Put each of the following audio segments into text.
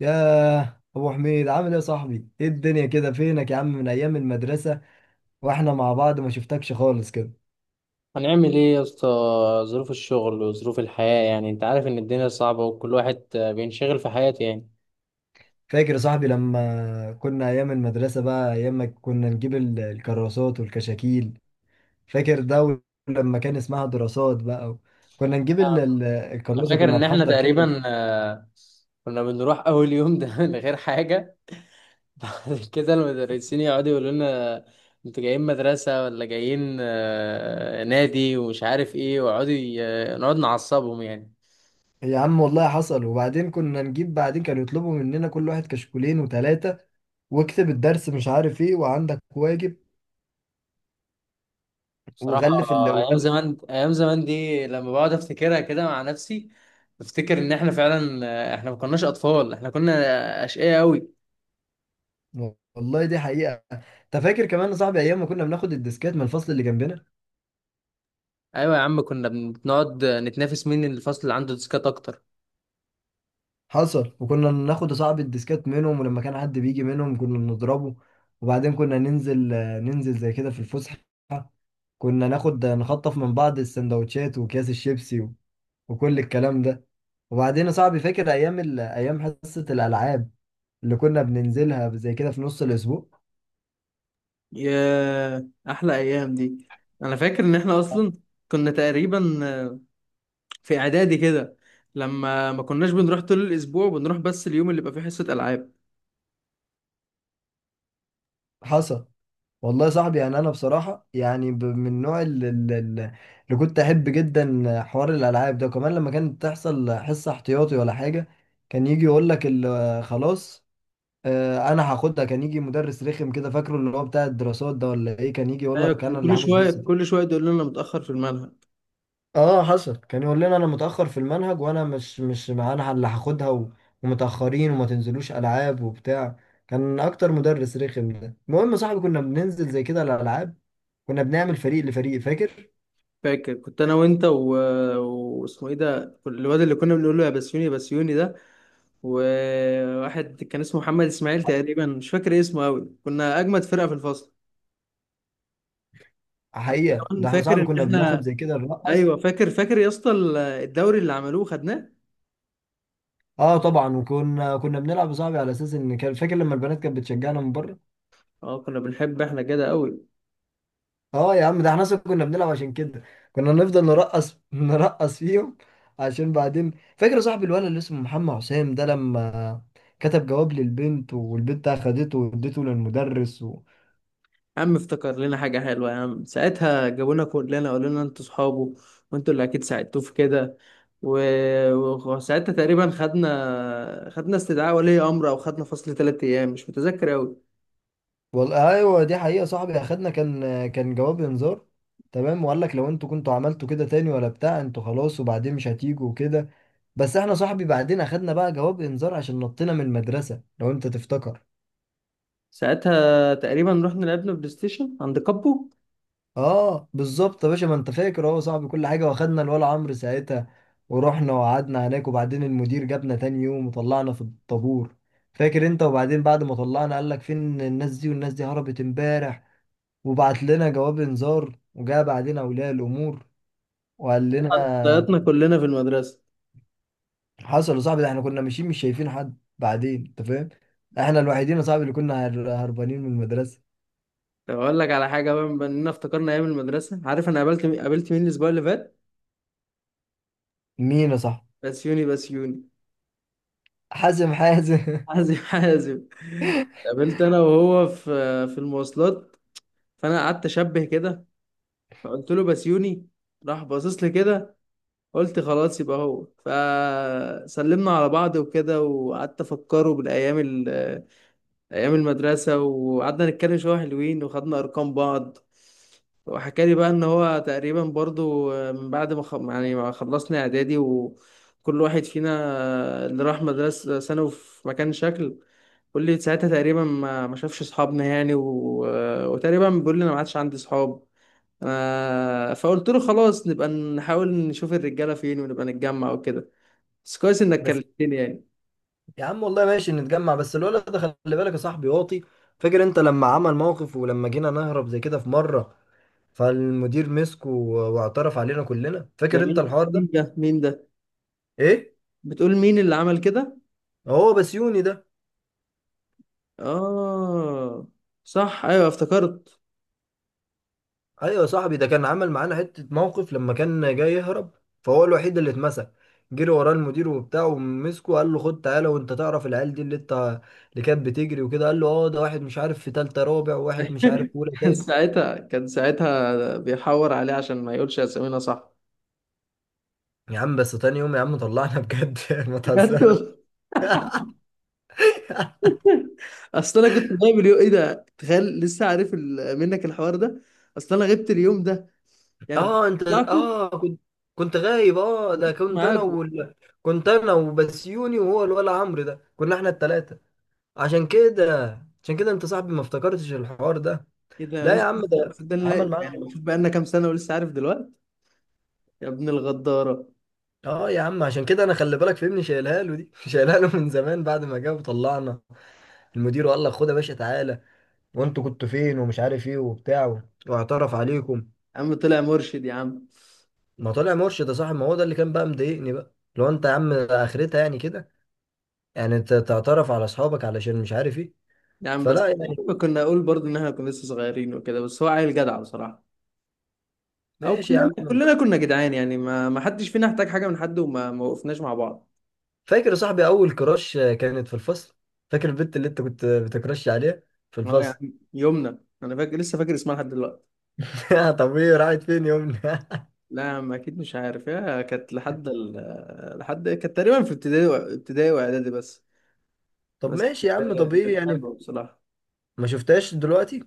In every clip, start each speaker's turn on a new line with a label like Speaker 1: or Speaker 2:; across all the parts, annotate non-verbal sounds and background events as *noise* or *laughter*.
Speaker 1: ياه، ابو حميد عامل ايه يا صاحبي؟ ايه الدنيا كده؟ فينك يا عم من ايام المدرسه واحنا مع بعض؟ ما شفتكش خالص كده.
Speaker 2: هنعمل ايه يا اسطى؟ ظروف الشغل وظروف الحياة، يعني انت عارف ان الدنيا صعبة، وكل واحد بينشغل في حياته يعني.
Speaker 1: فاكر يا صاحبي لما كنا ايام المدرسه بقى، ايام ما كنا نجيب الكراسات والكشاكيل؟ فاكر ده؟ لما كان اسمها دراسات بقى، كنا نجيب
Speaker 2: انا
Speaker 1: الكراسه،
Speaker 2: فاكر
Speaker 1: كنا
Speaker 2: ان احنا
Speaker 1: نحضر كده.
Speaker 2: تقريبا كنا بنروح اول يوم ده *laughs* من غير حاجة. *laughs* بعد كده المدرسين يقعدوا يقولوا لنا انتوا جايين مدرسة ولا جايين نادي، ومش عارف ايه، ويقعدوا نقعد نعصبهم يعني.
Speaker 1: يا عم والله حصل. وبعدين كنا نجيب، بعدين كانوا يطلبوا مننا كل واحد كشكولين وثلاثه، واكتب الدرس مش عارف ايه وعندك واجب
Speaker 2: بصراحة، أيام
Speaker 1: وغلف.
Speaker 2: زمان، أيام زمان دي لما بقعد أفتكرها كده مع نفسي بفتكر إن إحنا فعلا إحنا ما كناش أطفال، إحنا كنا أشقياء أوي.
Speaker 1: والله دي حقيقه. انت فاكر كمان يا صاحبي ايام ما كنا بناخد الديسكات من الفصل اللي جنبنا؟
Speaker 2: أيوة يا عم، كنا بنقعد نتنافس مين الفصل اللي عنده ديسكات أكتر.
Speaker 1: حصل، وكنا ناخد يا صاحبي الديسكات منهم، ولما كان حد بيجي منهم كنا نضربه. وبعدين كنا ننزل ننزل زي كده في الفسحه، كنا ناخد نخطف من بعض السندوتشات واكياس الشيبسي وكل الكلام ده. وبعدين يا صاحبي فاكر ايام حصه الالعاب اللي كنا بننزلها زي كده في نص الاسبوع؟
Speaker 2: يا احلى ايام دي! انا فاكر ان احنا اصلا كنا تقريبا في اعدادي كده، لما ما كناش بنروح طول الاسبوع، بنروح بس اليوم اللي بيبقى فيه حصة العاب.
Speaker 1: حصل. والله يا صاحبي يعني انا بصراحه يعني، من النوع اللي كنت احب جدا حوار الالعاب ده. وكمان لما كانت تحصل حصه احتياطي ولا حاجه، كان يجي يقول لك خلاص، انا هاخدها. كان يجي مدرس رخم كده، فاكره اللي هو بتاع الدراسات ده ولا ايه؟ كان يجي يقول
Speaker 2: ايوه،
Speaker 1: لك
Speaker 2: كان
Speaker 1: انا اللي
Speaker 2: كل
Speaker 1: هاخد
Speaker 2: شوية
Speaker 1: حصه.
Speaker 2: كل شوية يقول لنا متأخر في المنهج.
Speaker 1: اه حصل. كان يقول لنا انا متاخر في المنهج وانا مش مع، انا اللي هاخدها ومتاخرين، وما تنزلوش العاب وبتاع. كان اكتر مدرس رخم ده. المهم يا صاحبي كنا بننزل زي كده الالعاب، كنا بنعمل فريق لفريق، فاكر؟
Speaker 2: فاكر كنت انا وانت واسمه ايه ده الواد اللي كنا بنقول له يا بسيوني يا بسيوني ده، وواحد كان اسمه محمد اسماعيل تقريبا، مش فاكر إيه اسمه قوي، كنا اجمد فرقه في الفصل. حتى
Speaker 1: حقيقة
Speaker 2: كمان
Speaker 1: ده احنا
Speaker 2: فاكر
Speaker 1: صاحبي
Speaker 2: ان
Speaker 1: كنا بناخد
Speaker 2: احنا،
Speaker 1: زي كده نرقص.
Speaker 2: ايوه فاكر يا اسطى الدوري اللي عملوه خدناه.
Speaker 1: اه طبعا، وكنا بنلعب يا صاحبي على اساس ان، كان فاكر لما البنات كانت بتشجعنا من بره؟
Speaker 2: اه، كنا بنحب احنا كده قوي.
Speaker 1: اه يا عم ده احنا اصلا كنا بنلعب عشان كده، كنا نفضل نرقص نرقص فيهم، عشان بعدين. فاكر يا صاحبي الولد اللي اسمه محمد حسام ده لما كتب جواب للبنت والبنت اخدته واديته للمدرس؟
Speaker 2: يا عم، افتكر لنا حاجة حلوة يا عم، ساعتها جابونا كلنا قالوا لنا انتوا صحابه، وانتوا اللي اكيد ساعدتوه في كده و- وساعتها تقريبا خدنا استدعاء ولي امر، او خدنا فصل 3 ايام، مش متذكر اوي.
Speaker 1: والله ايوه، دي حقيقه صاحبي. اخدنا كان، كان جواب انذار، تمام؟ وقال لك لو انتوا كنتوا عملتوا كده تاني ولا بتاع انتوا خلاص وبعدين مش هتيجوا وكده. بس احنا صاحبي بعدين اخدنا بقى جواب انذار عشان نطينا من المدرسه، لو انت تفتكر.
Speaker 2: ساعتها تقريبا رحنا لعبنا بلاي ستيشن عند كابو.
Speaker 1: اه بالظبط يا باشا، ما انت فاكر اهو صاحبي كل حاجه. واخدنا الولا عمرو ساعتها ورحنا وقعدنا هناك، وبعدين المدير جابنا تاني يوم وطلعنا في الطابور، فاكر انت؟ وبعدين بعد ما طلعنا قال لك فين الناس دي، والناس دي هربت امبارح وبعت لنا جواب انذار، وجاء بعدين اولياء الامور وقال لنا.
Speaker 2: ضيعتنا كلنا في المدرسة.
Speaker 1: حصل يا صاحبي. ده احنا كنا ماشيين مش شايفين حد بعدين، انت فاهم؟ احنا الوحيدين يا صاحبي اللي كنا هربانين من المدرسه.
Speaker 2: طب اقول لك على حاجة بقى، بما اننا افتكرنا ايام المدرسة، عارف انا قابلت مين؟ قابلت مين الاسبوع اللي فات؟
Speaker 1: مين يا صاحبي؟
Speaker 2: بسيوني، بسيوني.
Speaker 1: حازم حازم.
Speaker 2: حازم، حازم. *laughs* قابلت انا وهو في المواصلات. فانا قعدت اشبه كده، فقلت له بسيوني، راح باصص لي كده، قلت خلاص يبقى هو، فسلمنا على بعض وكده، وقعدت افكره بالايام ايام المدرسه، وقعدنا نتكلم شويه حلوين، وخدنا ارقام بعض. وحكى لي بقى ان هو تقريبا برضو من بعد ما خ... يعني ما خلصنا اعدادي، وكل واحد فينا اللي راح مدرسه ثانوي في مكان شكل، بيقول لي ساعتها تقريبا ما شافش اصحابنا يعني وتقريبا بيقول لي انا ما عادش عندي اصحاب. فقلت له خلاص، نبقى نحاول نشوف الرجاله فين ونبقى نتجمع وكده، بس كويس انك
Speaker 1: *laughs* بس
Speaker 2: كلمتني يعني.
Speaker 1: يا عم والله ماشي نتجمع، بس الولد ده خلي بالك يا صاحبي واطي. فاكر انت لما عمل موقف، ولما جينا نهرب زي كده في مره، فالمدير مسكه واعترف علينا كلنا،
Speaker 2: ده
Speaker 1: فاكر انت
Speaker 2: مين
Speaker 1: الحوار
Speaker 2: مين
Speaker 1: ده؟
Speaker 2: ده مين ده؟
Speaker 1: ايه؟
Speaker 2: بتقول مين اللي عمل كده؟
Speaker 1: هو بسيوني ده.
Speaker 2: اه، صح، ايوه افتكرت.
Speaker 1: ايوه يا صاحبي، ده كان عمل معانا حته موقف لما كان جاي يهرب، فهو الوحيد اللي اتمسك. جري وراه المدير وبتاع ومسكه، قال له خد تعالى، وانت تعرف العيال دي اللي انت، اللي كانت بتجري وكده. قال له اه، ده واحد مش عارف في تالتة رابع، وواحد مش عارف في
Speaker 2: *laughs*
Speaker 1: اولى
Speaker 2: كان
Speaker 1: تاني.
Speaker 2: ساعتها كان ساعتها بيحور عليه عشان ما يقولش اسامينا، صح.
Speaker 1: يا عم بس تاني يوم يا عم طلعنا بجد، *laughs* ما
Speaker 2: بجد.
Speaker 1: تهزرش. *laughs*
Speaker 2: اصل انا كنت غايب اليوم، ايه ده، تخيل لسه عارف منك الحوار ده، اصل انا غبت اليوم ده يعني.
Speaker 1: اه انت،
Speaker 2: بطلعكوا
Speaker 1: اه كنت غايب، اه ده كنت انا
Speaker 2: معاكم.
Speaker 1: كنت انا وبسيوني، وهو الولا عمرو ده، كنا احنا التلاتة. عشان كده عشان كده انت صاحبي ما افتكرتش الحوار ده.
Speaker 2: ايه ده يا
Speaker 1: لا يا عم،
Speaker 2: اسطى،
Speaker 1: ده عمل
Speaker 2: صدقني
Speaker 1: معانا.
Speaker 2: يعني، شوف بقى لنا كام سنه ولسه عارف دلوقتي. يا ابن الغداره.
Speaker 1: اه يا عم، عشان كده انا خلي بالك فهمني شايلها له دي، *laughs* شايلها له من زمان بعد ما جه وطلعنا المدير وقال لك خد يا باشا تعالى، وانتوا كنتوا فين، ومش عارف ايه وبتاع، واعترف عليكم.
Speaker 2: يا عم طلع مرشد يا عم.
Speaker 1: ما طلع مرشد يا صاحبي، ما هو ده اللي كان بقى مضايقني بقى، لو انت يا عم اخرتها يعني كده، يعني انت تعترف على اصحابك علشان مش عارف ايه،
Speaker 2: يا عم
Speaker 1: فلا
Speaker 2: بس،
Speaker 1: يعني.
Speaker 2: كنا اقول برضو ان احنا كنا لسه صغيرين وكده، بس هو عيل جدع بصراحه. او
Speaker 1: ماشي يا
Speaker 2: كلنا
Speaker 1: عم.
Speaker 2: كلنا كنا جدعان يعني، ما حدش فينا احتاج حاجه من حد، وما ما وقفناش مع بعض.
Speaker 1: فاكر يا صاحبي اول كراش كانت في الفصل؟ فاكر البنت اللي انت كنت بتكراش عليها في
Speaker 2: اه يا
Speaker 1: الفصل؟
Speaker 2: عم، يومنا، انا فاكر لسه فاكر اسمها لحد دلوقتي.
Speaker 1: *laughs* طب ايه، راحت فين يومنا؟
Speaker 2: لا يا عم، اكيد مش عارف، يا كانت لحد كانت تقريبا في ابتدائي ابتدائي واعدادي بس.
Speaker 1: طب
Speaker 2: بس
Speaker 1: ماشي يا عم، طب ايه
Speaker 2: كانت
Speaker 1: يعني؟
Speaker 2: حلوه بصراحه.
Speaker 1: ما شفتهاش دلوقتي.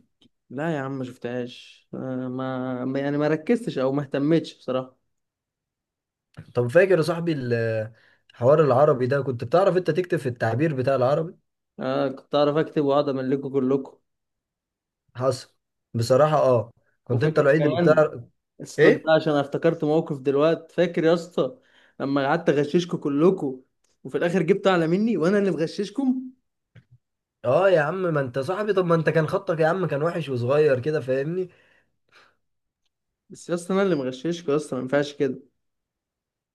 Speaker 2: لا يا عم ما شفتهاش يعني ما ركزتش او ما اهتمتش بصراحه.
Speaker 1: طب فاكر يا صاحبي حوار العربي ده؟ كنت بتعرف انت تكتب في التعبير بتاع العربي.
Speaker 2: آه، كنت اعرف اكتب واقعد املكه كلكم.
Speaker 1: حصل. بصراحة اه، كنت انت
Speaker 2: وفاكر
Speaker 1: الوحيد اللي
Speaker 2: كمان،
Speaker 1: بتعرف.
Speaker 2: اسكت
Speaker 1: ايه؟
Speaker 2: بقى عشان أنا افتكرت موقف دلوقتي، فاكر يا اسطى لما قعدت اغششكم كلكم، وفي الاخر جبت اعلى مني وانا اللي مغششكم؟
Speaker 1: اه يا عم، ما انت صاحبي، طب ما انت كان خطك يا عم كان وحش وصغير كده، فاهمني؟
Speaker 2: بس يا اسطى، انا اللي مغششكم يا اسطى، ما ينفعش كده.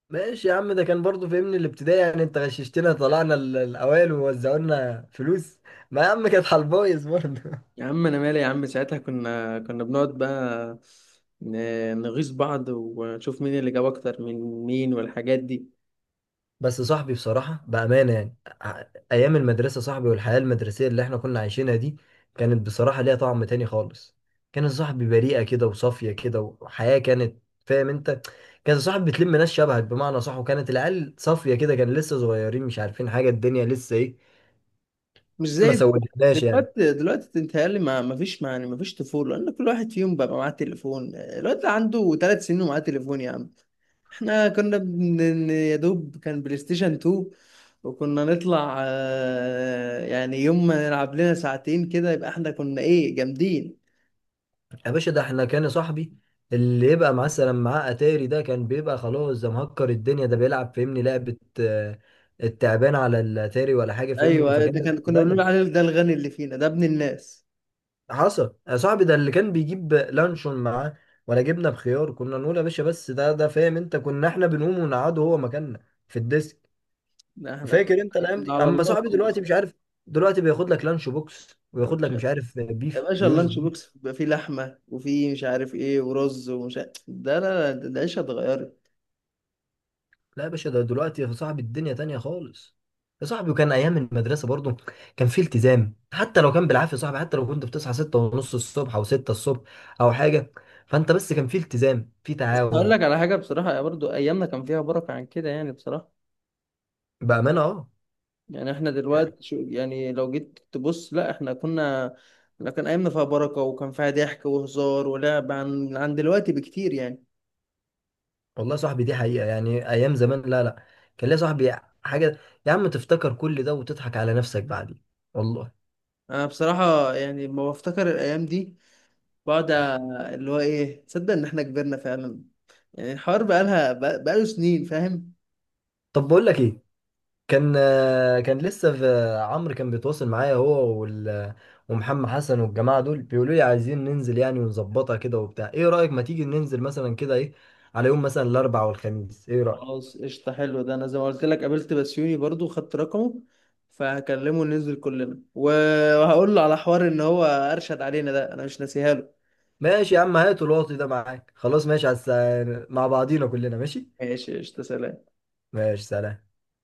Speaker 1: ماشي يا عم، ده كان برضو، فاهمني الابتدائي، يعني انت غششتنا طلعنا الاوائل ووزعولنا فلوس. ما يا عم كانت على البايظ برضه.
Speaker 2: يا عم انا مالي، يا عم ساعتها كنا بنقعد بقى نغيظ بعض، ونشوف مين اللي جاب اكتر من مين والحاجات دي.
Speaker 1: بس صاحبي بصراحة بأمانة يعني، ع- أيام المدرسة صاحبي، والحياة المدرسية اللي احنا كنا عايشينها دي، كانت بصراحة ليها طعم تاني خالص. كان صاحبي بريئة كده وصافية كده، وحياة كانت، فاهم انت؟ كان صاحبي بتلم ناس شبهك بمعنى صح، وكانت العيال صافية كده، كان لسه صغيرين مش عارفين حاجة الدنيا لسه ايه.
Speaker 2: مش
Speaker 1: ما
Speaker 2: زي دلوقتي.
Speaker 1: سودتناش يعني.
Speaker 2: دلوقتي بتهيألي ما فيش، يعني ما فيش طفولة، لأن كل واحد فيهم بقى معاه تليفون، الواد ده عنده 3 سنين ومعاه تليفون يا عم. احنا كنا يا دوب كان بلاي ستيشن 2، وكنا نطلع يعني يوم ما نلعب لنا ساعتين كده يبقى احنا كنا ايه، جامدين.
Speaker 1: يا باشا ده احنا كان صاحبي، اللي يبقى مثلا معاه اتاري ده كان بيبقى خلاص ده مهكر الدنيا، ده بيلعب فاهمني لعبة التعبان على الاتاري ولا حاجة،
Speaker 2: ايوه،
Speaker 1: فاهمني؟
Speaker 2: أيوة،
Speaker 1: فكان
Speaker 2: ده
Speaker 1: ده في
Speaker 2: كان،
Speaker 1: حتة
Speaker 2: كنا بنقول
Speaker 1: تانية.
Speaker 2: عليه ده الغني اللي فينا، ده ابن الناس.
Speaker 1: حصل يا صاحبي، ده اللي كان بيجيب لانشون معاه ولا جبنه بخيار، كنا نقول يا باشا. بس ده فاهم انت، كنا احنا بنقوم ونقعده هو مكاننا في الديسك،
Speaker 2: احنا
Speaker 1: فاكر انت
Speaker 2: كنا
Speaker 1: الايام
Speaker 2: كنا
Speaker 1: دي؟
Speaker 2: على
Speaker 1: اما
Speaker 2: الله
Speaker 1: صاحبي دلوقتي
Speaker 2: خالص.
Speaker 1: مش عارف، دلوقتي بياخد لك لانش بوكس وياخد لك مش عارف
Speaker 2: يا
Speaker 1: بيف
Speaker 2: باشا،
Speaker 1: ويورز
Speaker 2: اللانش
Speaker 1: بيف.
Speaker 2: بوكس بيبقى فيه لحمة وفيه مش عارف ايه ورز ومش عارف ده، لا لا، ده العيشة اتغيرت.
Speaker 1: لا يا باشا، ده دلوقتي يا صاحبي الدنيا تانية خالص. يا صاحبي وكان ايام المدرسه برضو كان في التزام، حتى لو كان بالعافيه يا صاحبي، حتى لو كنت بتصحى ستة ونص الصبح او ستة الصبح او حاجه، فانت بس كان في التزام، في
Speaker 2: بس هقول
Speaker 1: تعاون.
Speaker 2: لك على حاجة بصراحة، يا برضو أيامنا كان فيها بركة عن كده يعني، بصراحة.
Speaker 1: بامانه اه.
Speaker 2: يعني احنا دلوقتي، شو يعني لو جيت تبص، لا احنا كنا، لا كان أيامنا فيها بركة، وكان فيها ضحك وهزار ولعب عن دلوقتي بكتير يعني.
Speaker 1: والله يا صاحبي دي حقيقة، يعني أيام زمان، لا لا، كان ليا صاحبي حاجة. يا عم تفتكر كل ده وتضحك على نفسك بعدين، والله.
Speaker 2: أنا بصراحة يعني لما بفتكر الأيام دي بقعد، اللي هو ايه، تصدق إن احنا كبرنا فعلا؟ يعني الحوار بقالها، بقاله سنين، فاهم.
Speaker 1: طب بقول لك إيه، كان، كان لسه في عمرو كان بيتواصل معايا هو ومحمد حسن والجماعة دول، بيقولوا لي عايزين ننزل يعني ونظبطها كده وبتاع، إيه رأيك؟ ما تيجي ننزل مثلا كده، إيه على يوم مثلا الأربع والخميس، إيه رأيك؟
Speaker 2: خلاص قشطة، حلو ده. أنا زي ما قلت لك قابلت بسيوني برضو، خدت رقمه، فهكلمه ننزل كلنا، وهقول له على حوار إن هو أرشد علينا، ده أنا مش ناسيها له.
Speaker 1: ماشي يا عم، هات الواطي ده معاك خلاص، ماشي مع بعضينا كلنا ماشي.
Speaker 2: ماشي قشطة، سلام.
Speaker 1: ماشي سلام.